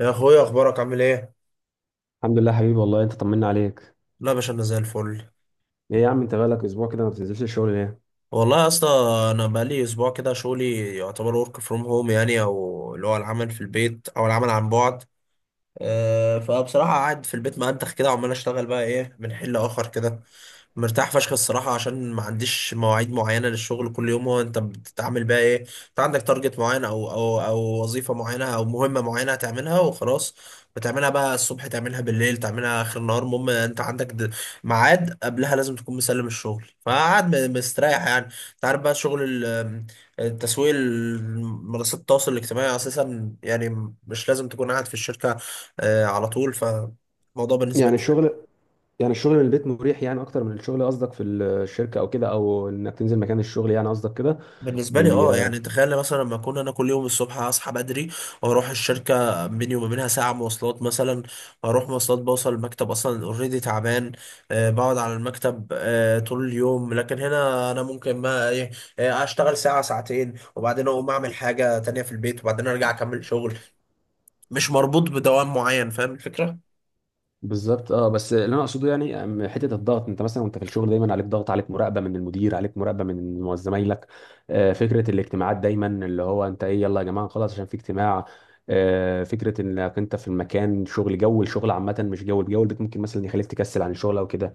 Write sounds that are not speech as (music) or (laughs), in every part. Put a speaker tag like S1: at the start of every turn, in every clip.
S1: يا اخويا، اخبارك عامل ايه؟
S2: الحمد لله حبيبي، والله انت طمنا عليك.
S1: لا يا باشا، انا زي الفل.
S2: ايه يا عم، انت بقالك اسبوع كده ما بتنزلش الشغل ليه؟
S1: والله يا اسطى، انا بقالي اسبوع كده شغلي يعتبر ورك فروم هوم، يعني او اللي هو العمل في البيت او العمل عن بعد. فبصراحه قاعد في البيت ما انتخ كده وعمال اشتغل بقى ايه من حل اخر كده. مرتاح فشخ الصراحة، عشان ما عنديش مواعيد معينة للشغل. كل يوم هو انت بتتعامل بقى ايه؟ انت عندك تارجت معين او وظيفة معينة او مهمة معينة هتعملها وخلاص. بتعملها بقى الصبح، تعملها بالليل، تعملها اخر النهار. المهم انت عندك ميعاد قبلها لازم تكون مسلم الشغل. فقعد مستريح يعني. انت عارف بقى شغل التسويق، منصات التواصل الاجتماعي اساسا، يعني مش لازم تكون قاعد في الشركة. على طول. فالموضوع بالنسبة
S2: يعني
S1: لي،
S2: الشغل يعني الشغل من البيت مريح يعني، اكتر من الشغل؟ قصدك في الشركه او كده، او انك تنزل مكان الشغل يعني، قصدك كده؟ بي...
S1: يعني تخيل مثلا لما اكون انا كل يوم الصبح اصحى بدري واروح الشركة، بيني وما بينها ساعة مواصلات مثلا. اروح مواصلات بوصل المكتب اصلا اوريدي تعبان. بقعد على المكتب طول اليوم، لكن هنا انا ممكن ما إيه، اشتغل ساعة ساعتين، وبعدين اقوم اعمل حاجة تانية في البيت وبعدين ارجع اكمل شغل. مش مربوط بدوام معين، فاهم الفكرة؟
S2: بالظبط، اه. بس اللي انا اقصده يعني حته الضغط، انت مثلا وانت في الشغل دايما عليك ضغط، عليك مراقبه من المدير، عليك مراقبه من زمايلك. فكره الاجتماعات دايما، اللي هو انت ايه، يلا يا جماعه خلاص عشان في اجتماع. فكره انك انت في المكان شغل، جو الشغل عامه مش جو الجو البيت، ممكن مثلا يخليك تكسل عن الشغل او كده.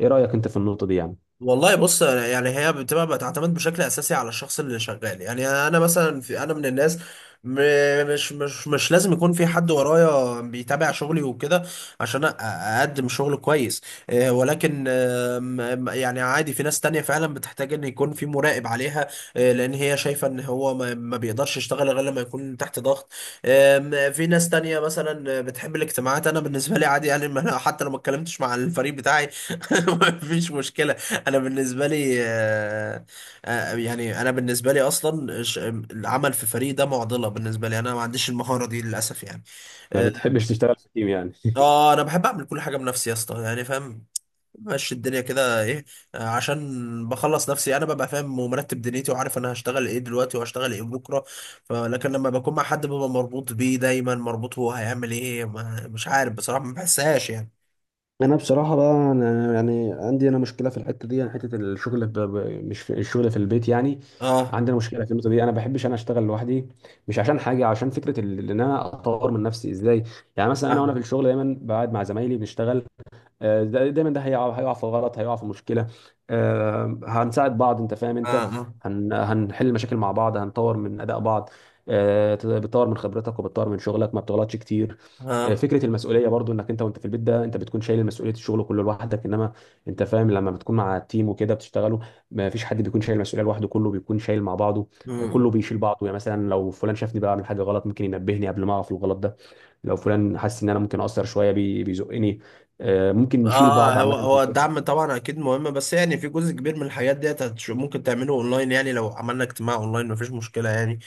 S2: ايه رأيك انت في النقطة دي يعني؟
S1: والله بص، يعني هي بتبقى بتعتمد بشكل اساسي على الشخص اللي شغال. يعني انا مثلا، في، انا من الناس مش لازم يكون في حد ورايا بيتابع شغلي وكده عشان اقدم شغل كويس. ولكن آم، آم، يعني عادي، في ناس تانية فعلا بتحتاج ان يكون في مراقب عليها، لان هي شايفة ان هو ما بيقدرش يشتغل غير لما يكون تحت ضغط. في ناس تانية مثلا بتحب الاجتماعات. انا بالنسبة لي عادي، يعني ما أنا حتى لو ما اتكلمتش مع الفريق بتاعي (laughs) ما فيش مشكلة. انا بالنسبه لي يعني انا بالنسبه لي اصلا العمل في فريق ده معضله بالنسبه لي. انا ما عنديش المهاره دي للاسف يعني.
S2: ما
S1: اه
S2: بتحبش تشتغل في تيم يعني؟
S1: انا بحب اعمل كل حاجه بنفسي يا اسطى، يعني فاهم؟ ماشي الدنيا كده ايه. عشان بخلص نفسي انا ببقى فاهم ومرتب دنيتي وعارف انا هشتغل ايه دلوقتي وهشتغل ايه بكره. فلكن لما بكون مع حد ببقى مربوط بيه، دايما مربوط هو هيعمل ايه. ما مش عارف بصراحه، ما بحسهاش يعني.
S2: انا بصراحه بقى، انا يعني عندي انا مشكله في الحته دي يعني، حته الشغل مش في الشغل، في البيت يعني.
S1: اه،
S2: عندنا مشكله في النقطه دي، انا بحبش انا اشتغل لوحدي. مش عشان حاجه، عشان فكره ان انا اطور من نفسي ازاي. يعني مثلا انا
S1: اه،
S2: وانا في الشغل دايما بقعد مع زمايلي بنشتغل. دايما ده هيقع هيقع في غلط، هيقع في مشكله. هنساعد بعض، انت فاهم انت،
S1: اه،
S2: هنحل مشاكل مع بعض، هنطور من اداء بعض. بتطور من خبرتك وبتطور من شغلك، ما بتغلطش كتير.
S1: اه،
S2: فكره المسؤوليه برضو، انك انت وانت في البيت ده انت بتكون شايل مسؤوليه الشغل كله لوحدك، انما انت فاهم لما بتكون مع التيم وكده بتشتغلوا، ما فيش حد بيكون شايل المسؤوليه لوحده، كله بيكون شايل مع بعضه. كله
S1: آه.
S2: بيشيل بعضه. يعني مثلا لو فلان شافني بعمل حاجه غلط ممكن ينبهني قبل ما اقع في الغلط ده. لو فلان حس ان انا ممكن اقصر شويه بيزقني. ممكن نشيل بعض
S1: اه، هو
S2: عامه في
S1: هو
S2: الشغل.
S1: الدعم طبعا اكيد مهم، بس يعني في جزء كبير من الحاجات ديت ممكن تعمله اونلاين. يعني لو عملنا اجتماع اونلاين مفيش مشكله يعني.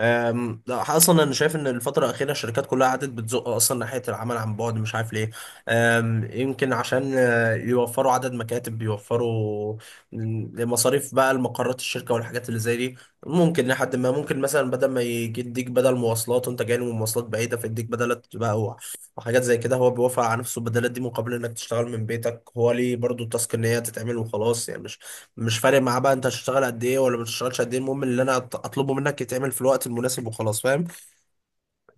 S1: لا، اصلا انا شايف ان الفتره الاخيره الشركات كلها قعدت بتزق اصلا ناحيه العمل عن بعد، مش عارف ليه. يمكن عشان يوفروا عدد مكاتب، يوفروا مصاريف بقى المقرات الشركه والحاجات اللي زي دي. ممكن لحد ما ممكن مثلا بدل ما يجي يديك بدل مواصلات وانت جاي من مواصلات بعيده فيديك بدلات بقى وحاجات زي كده، هو بيوافق على نفسه البدلات دي مقابل انك تشتغل من بيتك. هو ليه برضو؟ التاسك ان هي تتعمل وخلاص يعني. مش فارق معاه بقى انت هتشتغل قد ايه ولا ما تشتغلش قد ايه. المهم اللي انا اطلبه منك يتعمل في الوقت المناسب وخلاص، فاهم؟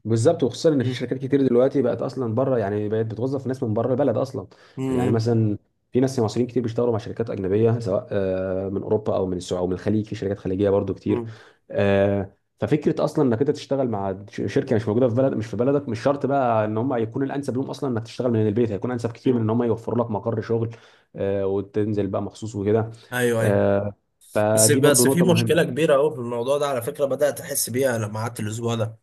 S2: بالظبط، وخصوصا ان في
S1: مم.
S2: شركات كتير دلوقتي بقت اصلا بره، يعني بقت بتوظف ناس من بره البلد اصلا. يعني
S1: مم.
S2: مثلا في ناس مصريين كتير بيشتغلوا مع شركات اجنبيه، سواء من اوروبا او من السعوديه او من الخليج، في شركات خليجيه برضو كتير.
S1: مم.
S2: ففكره اصلا انك انت تشتغل مع شركه مش موجوده في بلد، مش في بلدك، مش شرط بقى ان هم يكون الانسب لهم اصلا انك تشتغل من البيت، هيكون انسب كتير من
S1: مم.
S2: ان هم يوفروا لك مقر شغل. وتنزل بقى مخصوص وكده.
S1: ايوه، ايوه.
S2: آه،
S1: بس
S2: فدي برضو
S1: بس في
S2: نقطه
S1: مشكله
S2: مهمه.
S1: كبيره قوي في الموضوع ده على فكره، بدات احس بيها لما قعدت الاسبوع ده.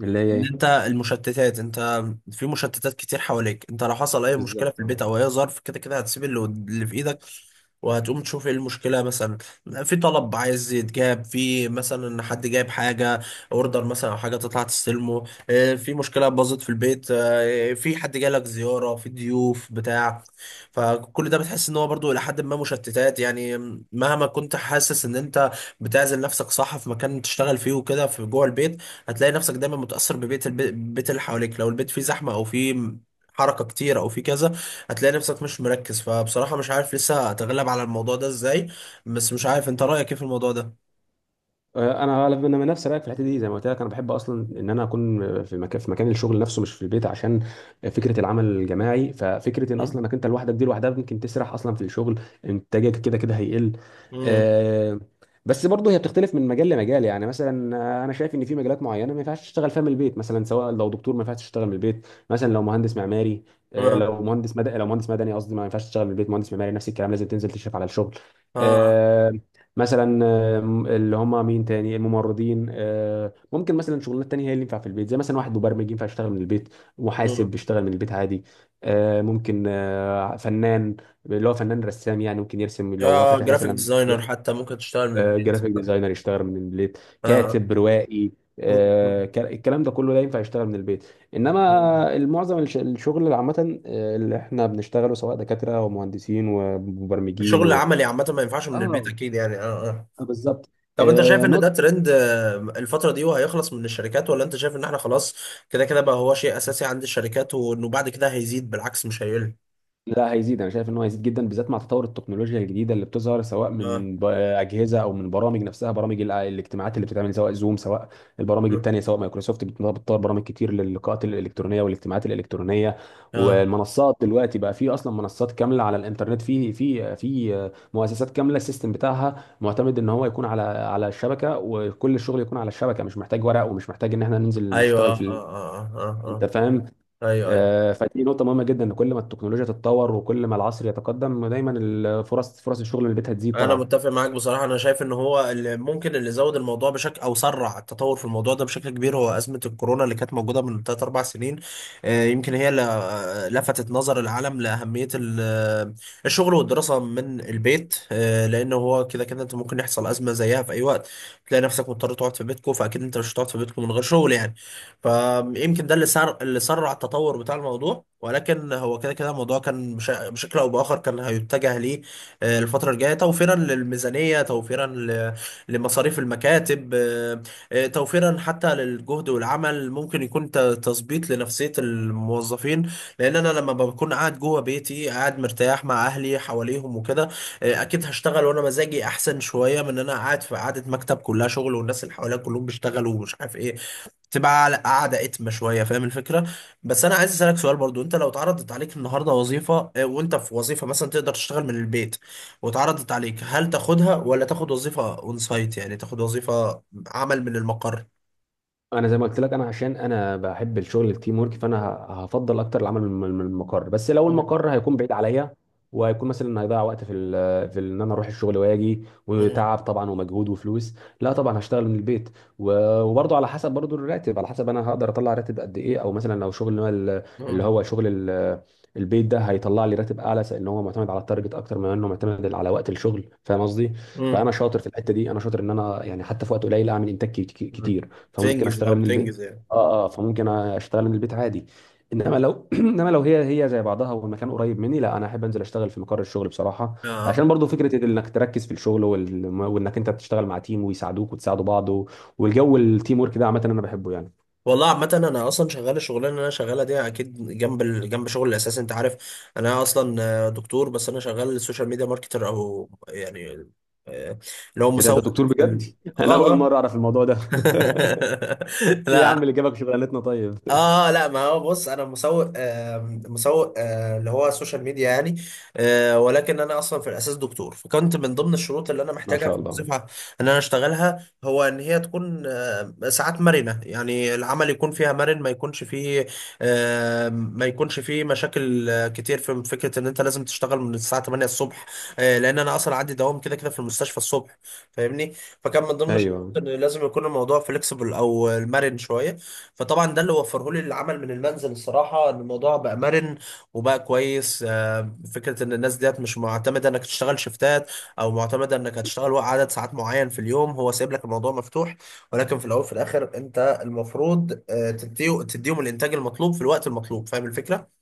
S2: اللي هي
S1: ان
S2: ايه؟
S1: انت المشتتات، انت في مشتتات كتير حواليك. انت لو حصل اي مشكله في
S2: بالظبط، آه.
S1: البيت او اي ظرف كده كده هتسيب اللي اللي في ايدك، وهتقوم تشوف ايه المشكله. مثلا في طلب عايز يتجاب، في مثلا حد جايب حاجه، اوردر مثلا او حاجه تطلع تستلمه، اه، في مشكله باظت في البيت، في حد جالك زياره، في ضيوف بتاع. فكل ده بتحس ان هو برضو الى حد ما مشتتات يعني. مهما كنت حاسس ان انت بتعزل نفسك صح في مكان تشتغل فيه وكده في جوه البيت، هتلاقي نفسك دايما متأثر البيت اللي حواليك. لو البيت فيه زحمة او فيه حركة كتير او فيه كذا، هتلاقي نفسك مش مركز. فبصراحة مش عارف لسه اتغلب على الموضوع ده ازاي. بس مش عارف انت رأيك ايه في الموضوع ده.
S2: انا غالبا انا من نفس رايك في الحته دي. زي ما قلت لك، انا بحب اصلا ان انا اكون في مكان، في مكان الشغل نفسه مش في البيت، عشان فكره العمل الجماعي. ففكره ان
S1: مم؟
S2: اصلا انك انت لوحدك دي لوحدها ممكن تسرح اصلا في الشغل، انتاجك كده كده هيقل.
S1: مم.
S2: آه، بس برضه هي بتختلف من مجال لمجال. يعني مثلا انا شايف ان في مجالات معينه ما ينفعش تشتغل فيها من البيت. مثلا سواء لو دكتور ما ينفعش تشتغل من البيت، مثلا لو مهندس معماري.
S1: اه،
S2: لو مهندس مدني، لو مهندس مدني قصدي، ما ينفعش تشتغل من البيت. مهندس معماري نفس الكلام، لازم تنزل تشرف على الشغل.
S1: اه،
S2: آه، مثلا اللي هم مين تاني، الممرضين. ممكن مثلا شغلانات تانية هي اللي ينفع في البيت، زي مثلا واحد مبرمج ينفع يشتغل من البيت، محاسب
S1: مم.
S2: بيشتغل من البيت عادي. ممكن فنان، اللي هو فنان رسام يعني ممكن يرسم لو هو
S1: اه،
S2: فاتح
S1: جرافيك
S2: مثلا.
S1: ديزاينر حتى ممكن تشتغل من البيت.
S2: جرافيك ديزاينر يشتغل من البيت،
S1: اه.
S2: كاتب روائي.
S1: مم.
S2: الكلام ده كله ده ينفع يشتغل من البيت.
S1: مم.
S2: انما المعظم الشغل اللي عامه اللي احنا بنشتغله، سواء دكاتره ومهندسين ومبرمجين
S1: الشغل
S2: و...
S1: العملي عامة ما ينفعش من البيت
S2: اه.
S1: اكيد يعني، اه، آه.
S2: بالظبط.
S1: طب انت شايف ان ده
S2: نقطة،
S1: ترند الفترة دي وهيخلص من الشركات، ولا انت شايف ان احنا خلاص كده كده بقى هو شيء اساسي عند الشركات، وانه بعد كده هيزيد بالعكس مش هيقل؟
S2: لا هيزيد. انا شايف ان هو هيزيد جدا، بالذات مع تطور التكنولوجيا الجديده اللي بتظهر، سواء
S1: اه،
S2: من اجهزه او من برامج نفسها، برامج الاجتماعات اللي بتتعمل، سواء زوم، سواء البرامج
S1: اه،
S2: التانيه، سواء مايكروسوفت. بتطور برامج كتير للقاءات الالكترونيه والاجتماعات الالكترونيه.
S1: آه.
S2: والمنصات دلوقتي بقى في اصلا منصات كامله على الانترنت، في مؤسسات كامله السيستم بتاعها معتمد ان هو يكون على الشبكه، وكل الشغل يكون على الشبكه، مش محتاج ورق، ومش محتاج ان احنا ننزل
S1: ايوه،
S2: نشتغل
S1: اه،
S2: في
S1: اه، اه،
S2: انت
S1: اه،
S2: فاهم.
S1: اه. ايوه، ايوه.
S2: فدي نقطة مهمة جدا، ان كل ما التكنولوجيا تتطور وكل ما العصر يتقدم دايما الفرص، فرص الشغل من البيت هتزيد
S1: انا
S2: طبعا.
S1: متفق معاك بصراحه. انا شايف ان هو اللي ممكن، اللي زود الموضوع بشكل، او سرع التطور في الموضوع ده بشكل كبير، هو ازمه الكورونا اللي كانت موجوده من 3 4 سنين. يمكن هي اللي لفتت نظر العالم لاهميه الشغل والدراسه من البيت. لان هو كده كده انت ممكن يحصل ازمه زيها في اي وقت، تلاقي نفسك مضطر تقعد في بيتكو. فاكيد انت مش هتقعد في بيتكو من غير شغل يعني. فيمكن ده اللي سر، اللي سرع التطور بتاع الموضوع. ولكن هو كده كده الموضوع كان بشكل او باخر كان هيتجه ليه، الفترة الجاية، توفيرا للميزانية، توفيرا لمصاريف المكاتب، توفيرا حتى للجهد والعمل. ممكن يكون تظبيط لنفسية الموظفين، لأن أنا لما بكون قاعد جوه بيتي قاعد مرتاح مع أهلي حواليهم وكده، أكيد هشتغل وأنا مزاجي أحسن شوية من إن أنا قاعد في قعدة مكتب كلها شغل والناس اللي حواليا كلهم بيشتغلوا ومش عارف إيه. تبقى على قاعدة اتم شوية، فاهم الفكرة؟ بس انا عايز اسألك سؤال برضو. انت لو اتعرضت عليك النهاردة وظيفة، وانت في وظيفة مثلا تقدر تشتغل من البيت واتعرضت عليك، هل تاخدها ولا تاخد وظيفة اون سايت، يعني تاخد وظيفة عمل من المقر؟
S2: انا زي ما قلت لك، انا عشان انا بحب الشغل التيم ورك فانا هفضل اكتر العمل من من المقر. بس لو
S1: مم.
S2: المقر هيكون بعيد عليا، وهيكون مثلا هيضيع وقت ان انا اروح الشغل واجي،
S1: مم.
S2: وتعب طبعا ومجهود وفلوس، لا طبعا هشتغل من البيت. وبرضه على حسب برضه الراتب، على حسب انا هقدر اطلع راتب قد ايه. او مثلا لو شغل اللي هو ال- اللي
S1: مم.
S2: هو شغل ال- البيت ده هيطلع لي راتب اعلى، لان هو معتمد على التارجت اكتر ما انه معتمد على وقت الشغل، فاهم قصدي.
S1: مم.
S2: فانا شاطر في الحته دي، انا شاطر ان انا يعني حتى في وقت قليل اعمل انتاج
S1: مم.
S2: كتير، فممكن
S1: بتنجز اه
S2: اشتغل من البيت.
S1: بتنجز يعني.
S2: اه اه، فممكن اشتغل من البيت عادي. انما لو (clears throat) انما لو هي زي بعضها والمكان قريب مني، لا انا احب انزل اشتغل في مقر الشغل بصراحه.
S1: اه.
S2: عشان برضو فكره انك تركز في الشغل وانك انت بتشتغل مع تيم ويساعدوك وتساعدوا بعض و... والجو التيم ورك ده عامه انا بحبه يعني.
S1: والله عامة، أنا أصلا شغال الشغلانة اللي أنا شغالها دي أكيد جنب جنب شغل الأساسي، أنت عارف. أنا أصلا دكتور، بس أنا شغال سوشيال ميديا ماركتر، أو يعني آه، اللي هو
S2: ايه ده، انت
S1: مسوق.
S2: دكتور
S1: في
S2: بجد؟ (laughs) انا
S1: آه
S2: اول
S1: آه
S2: مره اعرف الموضوع ده.
S1: (laughs)
S2: (laughs) ايه يا عم
S1: لا.
S2: اللي جابك شغلانتنا طيب؟ (laughs)
S1: اه، لا، ما هو بص انا مسوق، مسوق اللي هو السوشيال ميديا يعني. ولكن انا اصلا في الاساس دكتور. فكنت من ضمن الشروط اللي انا
S2: ما
S1: محتاجها
S2: شاء
S1: في
S2: الله.
S1: الوظيفه ان انا اشتغلها هو ان هي تكون ساعات مرنه، يعني العمل يكون فيها مرن، ما يكونش فيه ما يكونش فيه مشاكل كتير في فكره ان انت لازم تشتغل من الساعه 8 الصبح، لان انا اصلا عندي دوام كده كده في المستشفى الصبح، فاهمني؟ فكان من ضمن الشروط
S2: ايوه
S1: ان لازم يكون الموضوع فليكسبل، او المرن شويه. فطبعا ده اللي وفره لي العمل من المنزل، الصراحه ان الموضوع بقى مرن وبقى كويس. فكره ان الناس ديت مش معتمده انك تشتغل شفتات، او معتمده انك هتشتغل وقت عدد ساعات معين في اليوم. هو سايب لك الموضوع مفتوح، ولكن في الاول وفي الاخر انت المفروض تديهم الانتاج المطلوب في الوقت المطلوب، فاهم الفكره؟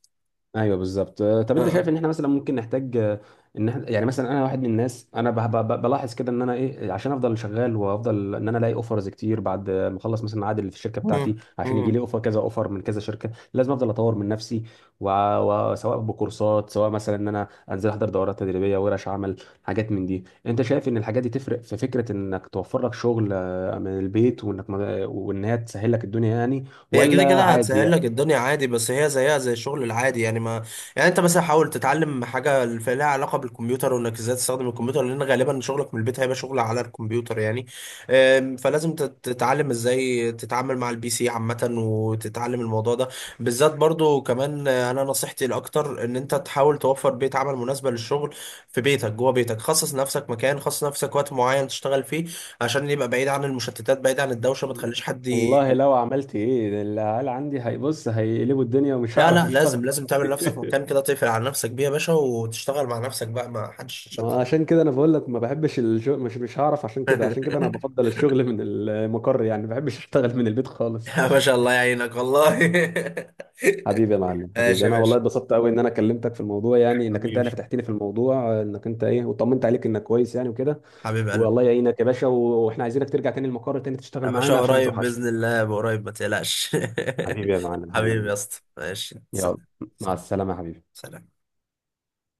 S2: ايوه، بالظبط. طب انت
S1: آه.
S2: شايف ان احنا مثلا ممكن نحتاج ان احنا يعني مثلا انا واحد من الناس، انا بلاحظ كده ان انا ايه، عشان افضل شغال وافضل ان انا الاقي اوفرز كتير بعد ما اخلص مثلا عقد اللي في الشركه بتاعتي، عشان يجي
S1: مم.
S2: لي اوفر كذا اوفر من كذا شركه لازم افضل اطور من نفسي. وع- وسواء بكورسات، سواء مثلا ان انا انزل احضر دورات تدريبيه، ورش عمل، حاجات من دي. انت شايف ان الحاجات دي تفرق في فكره انك توفر لك شغل من البيت، وانك وان هي تسهل لك الدنيا يعني،
S1: هي كده
S2: ولا
S1: كده هتسهل
S2: عادي؟
S1: لك الدنيا عادي، بس هي زيها زي الشغل العادي يعني. ما يعني انت مثلا حاول تتعلم حاجه لها علاقه بالكمبيوتر، وانك ازاي تستخدم الكمبيوتر، لان غالبا شغلك من البيت هيبقى شغل على الكمبيوتر يعني. فلازم تتعلم ازاي تتعامل مع البي سي عامه، وتتعلم الموضوع ده بالذات برضو كمان. انا نصيحتي الاكتر ان انت تحاول توفر بيئه عمل مناسبه للشغل في بيتك. جوه بيتك خصص نفسك مكان، خصص نفسك وقت معين تشتغل فيه عشان يبقى بعيد عن المشتتات، بعيد عن الدوشه. ما تخليش حد...
S2: والله لو عملت ايه ده العيال عندي هيبص هيقلبوا الدنيا ومش
S1: لا،
S2: هعرف
S1: لا،
S2: اشتغل.
S1: لازم لازم تعمل
S2: (laughs)
S1: لنفسك مكان كده تقفل على نفسك بيه يا باشا، وتشتغل مع نفسك بقى، ما حدش يشتت.
S2: ما عشان كده انا بقول لك ما بحبش الشغل، مش هعرف، عشان كده عشان كده انا
S1: (laughs)
S2: بفضل الشغل من المقر يعني، ما بحبش اشتغل من البيت خالص.
S1: يا باشا، الله يعينك والله.
S2: حبيبي يا معلم
S1: (laughs) ماشي
S2: حبيبي،
S1: يا
S2: انا والله
S1: باشا.
S2: اتبسطت قوي ان انا كلمتك في الموضوع، يعني انك انت يعني
S1: حبيبي.
S2: فتحتني في الموضوع انك انت ايه، وطمنت عليك انك كويس يعني وكده.
S1: حبيب قلبي.
S2: والله يعينك يا باشا، واحنا عايزينك ترجع تاني المقر تاني تشتغل
S1: يا باشا
S2: معانا عشان ما
S1: قريب
S2: توحشنا.
S1: بإذن الله، قريب، ما تقلقش.
S2: حبيبي يا معلم
S1: (laughs) حبيبي يا
S2: حبيبي،
S1: اسطى، ماشي،
S2: يلا،
S1: سلام.
S2: مع
S1: سلام.
S2: السلامة يا حبيبي.
S1: سلام.